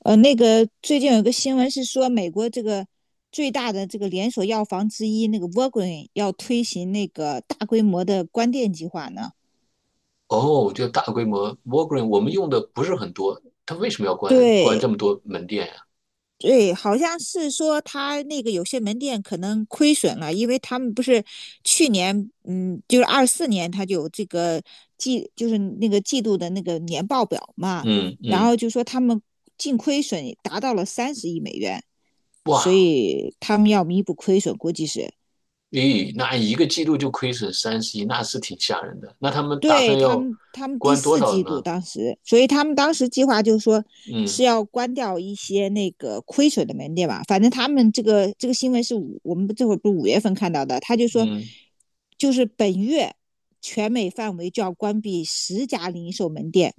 那个最近有个新闻是说，美国这个最大的这个连锁药房之一那个沃 a g 要推行那个大规模的关店计划呢。哦，就大规模 w a l g r e e n 我们用的不是很多，它为什么要关这对么多门店呀？对，好像是说他那个有些门店可能亏损了，因为他们不是去年，就是24年他就有这个就是那个季度的那个年报表嘛，嗯然嗯。后就说他们净亏损达到了30亿美元，所哇。以他们要弥补亏损，估计是。咦，那一个季度就亏损30亿，那是挺吓人的。那他们打对算他要们，他们第关多四少季度呢？当时，所以他们当时计划就是说是嗯要关掉一些那个亏损的门店吧。反正他们这个新闻是我们这会儿不是五月份看到的，他就说嗯。就是本月全美范围就要关闭10家零售门店。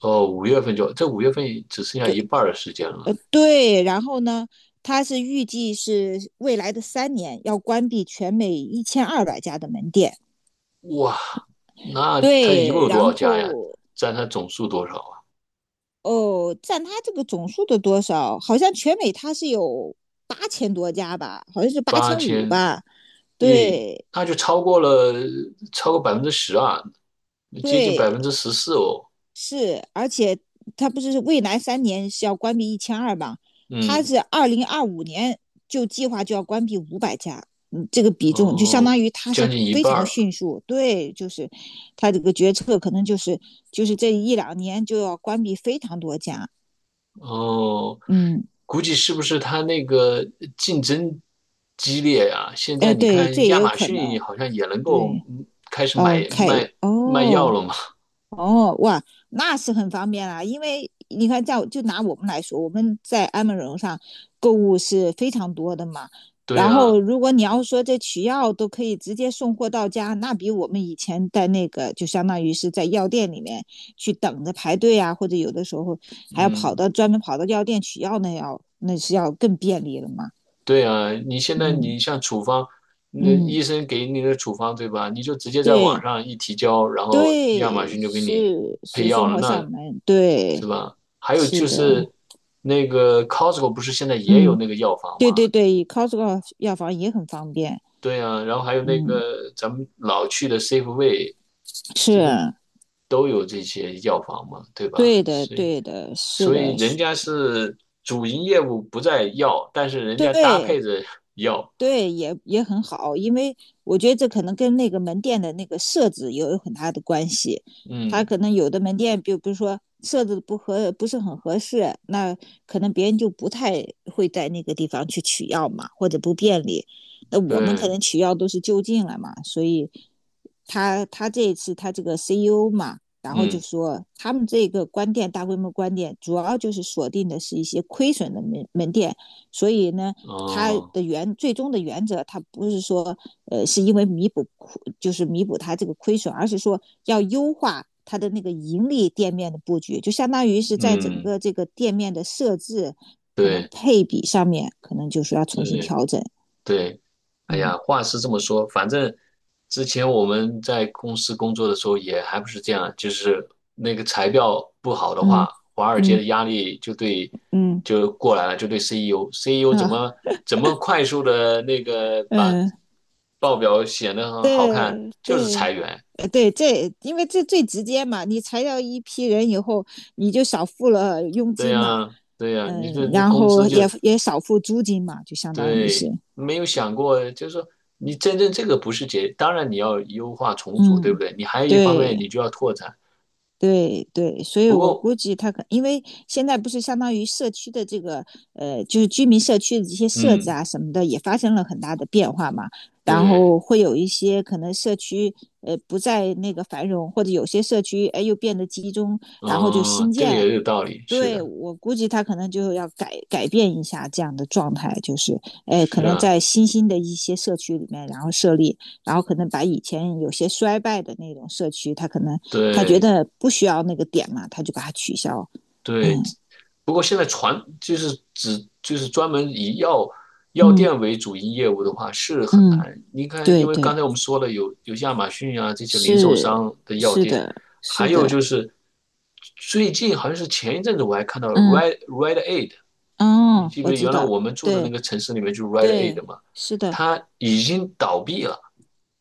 哦，五月份就这五月份只剩下一半儿的时间了。对，然后呢，他是预计是未来的三年要关闭全美1200家的门店。哇，那他一共对，有多然少家呀？后占他总数多少啊？哦，占它这个总数的多少？好像全美它是有8000多家吧，好像是八八千五千吧。亿，对那就超过百分之十啊，接近百对，分之十四哦。是，而且它不是未来三年是要关闭一千二嘛？它嗯。是2025年就计划就要关闭500家，这个比重就相哦，当于它是将近一非半常儿。迅速。对，就是它这个决策可能就是这一两年就要关闭非常多家。哦，嗯，估计是不是它那个竞争激烈呀？现哎，在你对，这看也亚有马可逊能。好像也能够对。开始买 OK，卖哦，开卖药哦了嘛？哦哇，那是很方便啦。因为你看就拿我们来说，我们在安 m a 上购物是非常多的嘛。对然后，呀。如果你要说这取药都可以直接送货到家，那比我们以前在那个就相当于是在药店里面去等着排队啊，或者有的时候还要嗯。专门跑到药店取药，那是要更便利了嘛。对呀，你现在嗯你像处方，那嗯，医生给你的处方对吧？你就直接在网对上一提交，然后亚马对，逊就给你是配是药送了，货上那门，是对。吧？还有是就的，是那个 Costco 不是现在也有嗯，那个药房对吗？对对，Costco 药房也很方便，对啊，然后还有那嗯，个咱们老去的 Safeway 是都有这些药房嘛，对吧？对的，所以对的，是所以的，人是，家是主营业务不在药，但是人家搭对配着 药。对，也很好，因为我觉得这可能跟那个门店的那个设置也有很大的关系，他嗯。可能有的门店，比如说设置不是很合适，那可能别人就不太会在那个地方去取药嘛，或者不便利，那我们可对。能取药都是就近了嘛，所以。他这一次他这个 CEO 嘛，然后就嗯。说他们这个大规模关店，主要就是锁定的是一些亏损的门店，所以呢，他哦。的最终的原则，他不是说是因为就是弥补他这个亏损，而是说要优化它的那个盈利店面的布局，就相当于是在整嗯。个这个店面的设置可能对配比上面，可能就是要重新对。调整。对。哎嗯呀，话是这么说。反正之前我们在公司工作的时候也还不是这样，就是那个财报不好的嗯话，华尔街嗯的压力就对嗯就过来了，就对 CEO 怎么啊怎么快速的那个把嗯。报表显得很好看，对就是对，裁员。对，因为这最直接嘛，你裁掉一批人以后，你就少付了佣对金嘛，呀，对呀，你这嗯，这然工资后就也少付租金嘛，就相当于对，是，没有想过。就是说你真正这个不是解，当然你要优化重组，对不嗯，对？你还有一方面你对。就要拓展。对对，所以不我过。估计因为现在不是相当于社区的这个就是居民社区的这些设置嗯。啊什么的也发生了很大的变化嘛，然对。后会有一些可能社区不再那个繁荣，或者有些社区哎又变得集中，然后就哦，新这个建，也有道理，是对的。我估计他可能就要改变一下这样的状态，就是哎，可是能啊。在新兴的一些社区里面，然后设立，然后可能把以前有些衰败的那种社区，他可能他觉对得不需要那个点嘛，他就把它取消。对。嗯不过现在传就是只就是专门以药药嗯店为主营业务的话是很嗯，难。你看，因对为对，刚才我们说了有亚马逊啊这些零售是商的药是店。的，还是有就的，是最近好像是前一阵子我还看到了 嗯 r e d Aid，你哦，记不我记得知原来道，我们住的那对个城市里面就是 r e d Aid 对，嘛，是的，它已经倒闭了。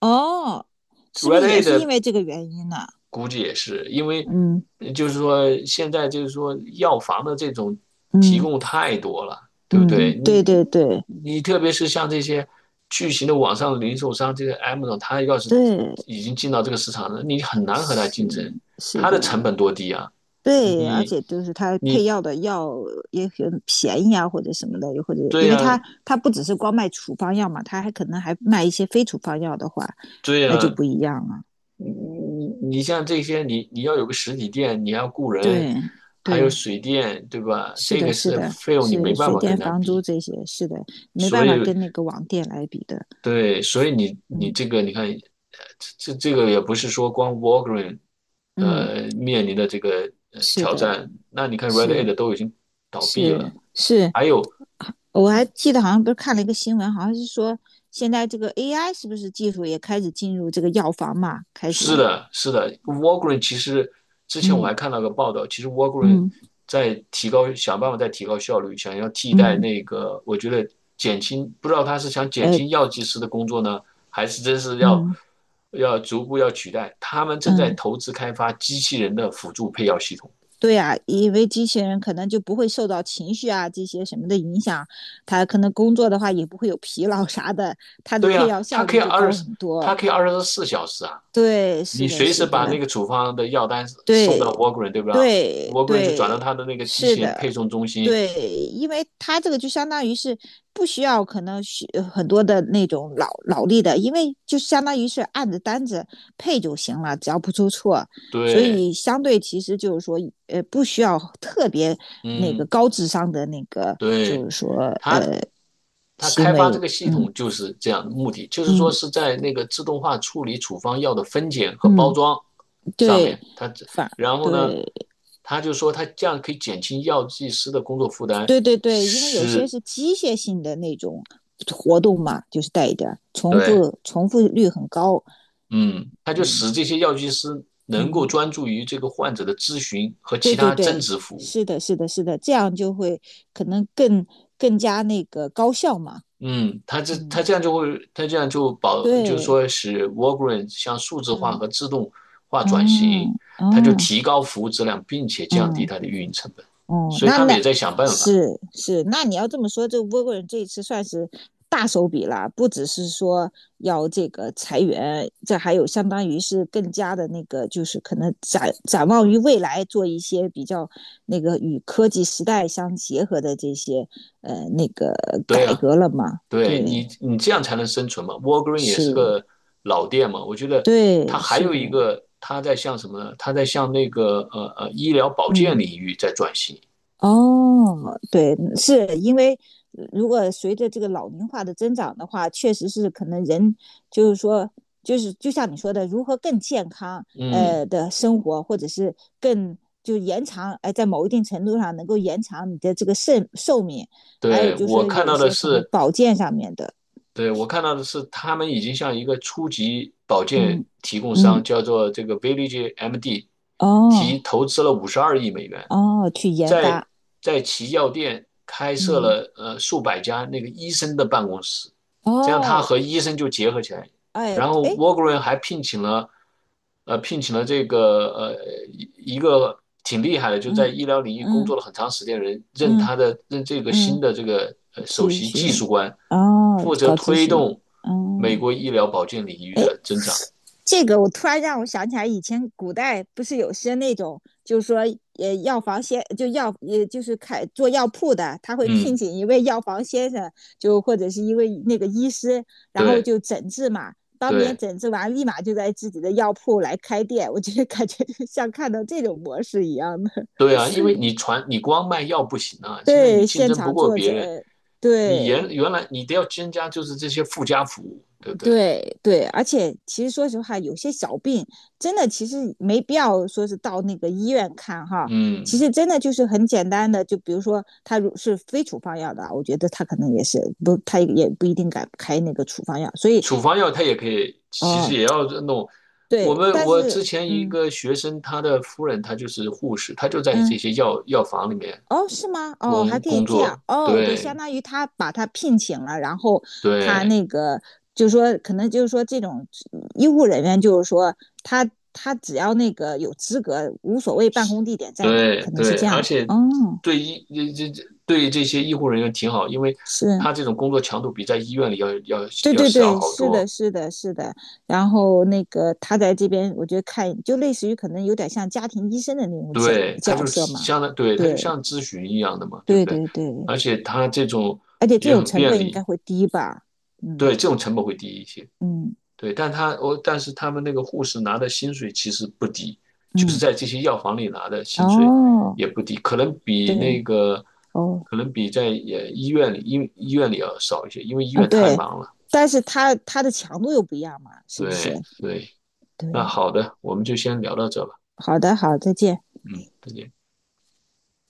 哦，是不是 Red 也 A 是因的为这个原因呢？估计也是，因为嗯就是说现在就是说药房的这种提嗯供太多了，对不对？嗯，你对对对。你特别是像这些巨型的网上零售商，这个 m a z 它要是对，已经进到这个市场了，你很难和它是竞争。是它的成的，本多低啊！对，而你且就是它配你药的药也很便宜啊，或者什么的，又或者对因为呀，它它不只是光卖处方药嘛，它还可能还卖一些非处方药的话，对那就呀，不一样了。你你你像这些，你要有个实体店，你要雇人，对还有对，水电，对吧？是这的，个是是的，费用，你没是办水法电跟他房租比。这些，是的，没所办法以，跟那个网店来比的。对，所以你嗯这个，你看，这个也不是说光 Walgreen，嗯，面临的这个是挑的，战。那你看 Red 是 Aid 都已经倒闭了，是是是，还有。我还记得好像不是看了一个新闻，好像是说现在这个 AI 是不是技术也开始进入这个药房嘛？开是始，的，是的。Walgreen 其实之前我嗯还看到个报道，其实 Walgreen 嗯在提高，想办法在提高效率，想要替代嗯，那个，我觉得减轻，不知道他是想减呃轻药剂师的工作呢，还是真是要嗯要逐步要取代。他们正在嗯，投资开发机器人的辅助配药系统。对呀，因为机器人可能就不会受到情绪啊这些什么的影响，它可能工作的话也不会有疲劳啥的，它的对配呀，药效率就高很它多。可以24小时啊，对，你是的，随时是把那的，个处方的药单送到 对 Walgreen，对不对对？Walgreen 就转到对，他的那个机是器人配的，送中心。对，因为他这个就相当于是不需要可能很多的那种脑力的，因为就相当于是按着单子配就行了，只要不出错，所对。以相对其实就是说不需要特别那个嗯。高智商的那个就对，是说他呃他行开发这为，个系嗯统就是这样的目的，就是嗯说是在那个自动化处理处方药的分拣和包嗯，装上对，面，反然后呢，对。他就说他这样可以减轻药剂师的工作负担，对对对，因为有些使是机械性的那种活动嘛，就是带一点儿重对。复，重复率很高。嗯。他就嗯使这些药剂师能够嗯，专注于这个患者的咨询和对其对他增对，值服务。是的，是的，是的，这样就会可能更加那个高效嘛。嗯。它这它嗯，这样就会，它这样就保，就是对，说使 Walgreens 向数字化嗯，和自动化转型，嗯它就嗯提高服务质量，并且降低嗯。它的运营成本。哦，所以那他们也那在想办法。是是，那你要这么说，这个波国人这一次算是大手笔了，不只是说要这个裁员，这还有相当于是更加的那个，就是可能展望于未来，做一些比较那个与科技时代相结合的这些那个对改啊。革了嘛？对，你对，你这样才能生存嘛。Walgreens 也是，是个老店嘛。我觉得它对，还是有的，一个，它在向什么呢？它在向那个医疗保健嗯。领域在转型。哦，对，是因为如果随着这个老龄化的增长的话，确实是可能人就是说，就是就像你说的，如何更健康嗯。的生活，或者是更就延长，哎、在某一定程度上能够延长你的这个寿命，还有对，就我是看有到的些可能是，保健上面的，对，我看到的是，他们已经向一个初级保健嗯提供商，嗯，叫做这个 Village MD，提哦投资了52亿美元，哦，去研在发，在其药店开设嗯了数百家那个医生的办公室。这样他哦，和医生就结合起来，哎然后 哎，Walgreen 还聘请了这个一个挺厉害的，就在医疗领域工作嗯了很长时间的人，任嗯他的任这个嗯嗯。新的首咨席技询，术官，哦，负责搞咨推询，动美哦，国医疗保健领域哎，的增长。这个我突然让我想起来，以前古代不是有些那种，就是说，药房先就药，也就是开做药铺的，他会聘嗯。请一位药房先生，或者是一位那个医师，然后对就诊治嘛，当别人对诊治完，立马就在自己的药铺来开店。我觉得感觉 像看到这种模式一样的，对啊，因为你光卖药不行啊，现在你对，竞现争不场过坐别人，诊，你原对，原来你得要增加就是这些附加服务，对不对？对对，而且其实说实话，有些小病真的其实没必要说是到那个医院看哈，其嗯。实真的就是很简单的，就比如说他如是非处方药的，我觉得他可能也是不，他也不一定敢开那个处方药，所以处方药它也可以，其实哦，也要弄。我对，们但我之是前一嗯个学生，他的夫人她就是护士，她就在这嗯。些药房里面哦，是吗？哦，还工可以工这样作。哦，都相对当于他把他聘请了，然后他对那个就是说，可能就是说这种医护人员，就是说他只要那个有资格，无所谓办公地点在哪，对可能是对。这而样。且哦，对医这这对这些医护人员挺好，因为是，他这种工作强度比在医院里要要对要对少对，好是的，多。是的，是的。然后那个他在这边，我觉得看就类似于可能有点像家庭医生的那种对，他角就色嘛。相当，对，他就对像咨询一样的嘛，对不对对？对对，而且他这种而且这也种很成便本应利。该会低吧？嗯对，这种成本会低一些。嗯。对，但是他们那个护士拿的薪水其实不低，就是嗯，在这些药房里拿的薪水哦，也不低，可能比对，那个哦，可能比在医院里要少一些，因为医啊，院太对，忙了。但是它的强度又不一样嘛，是不是？对对。那对，好的，我们就先聊到这吧。好的，好，再见。嗯，再见。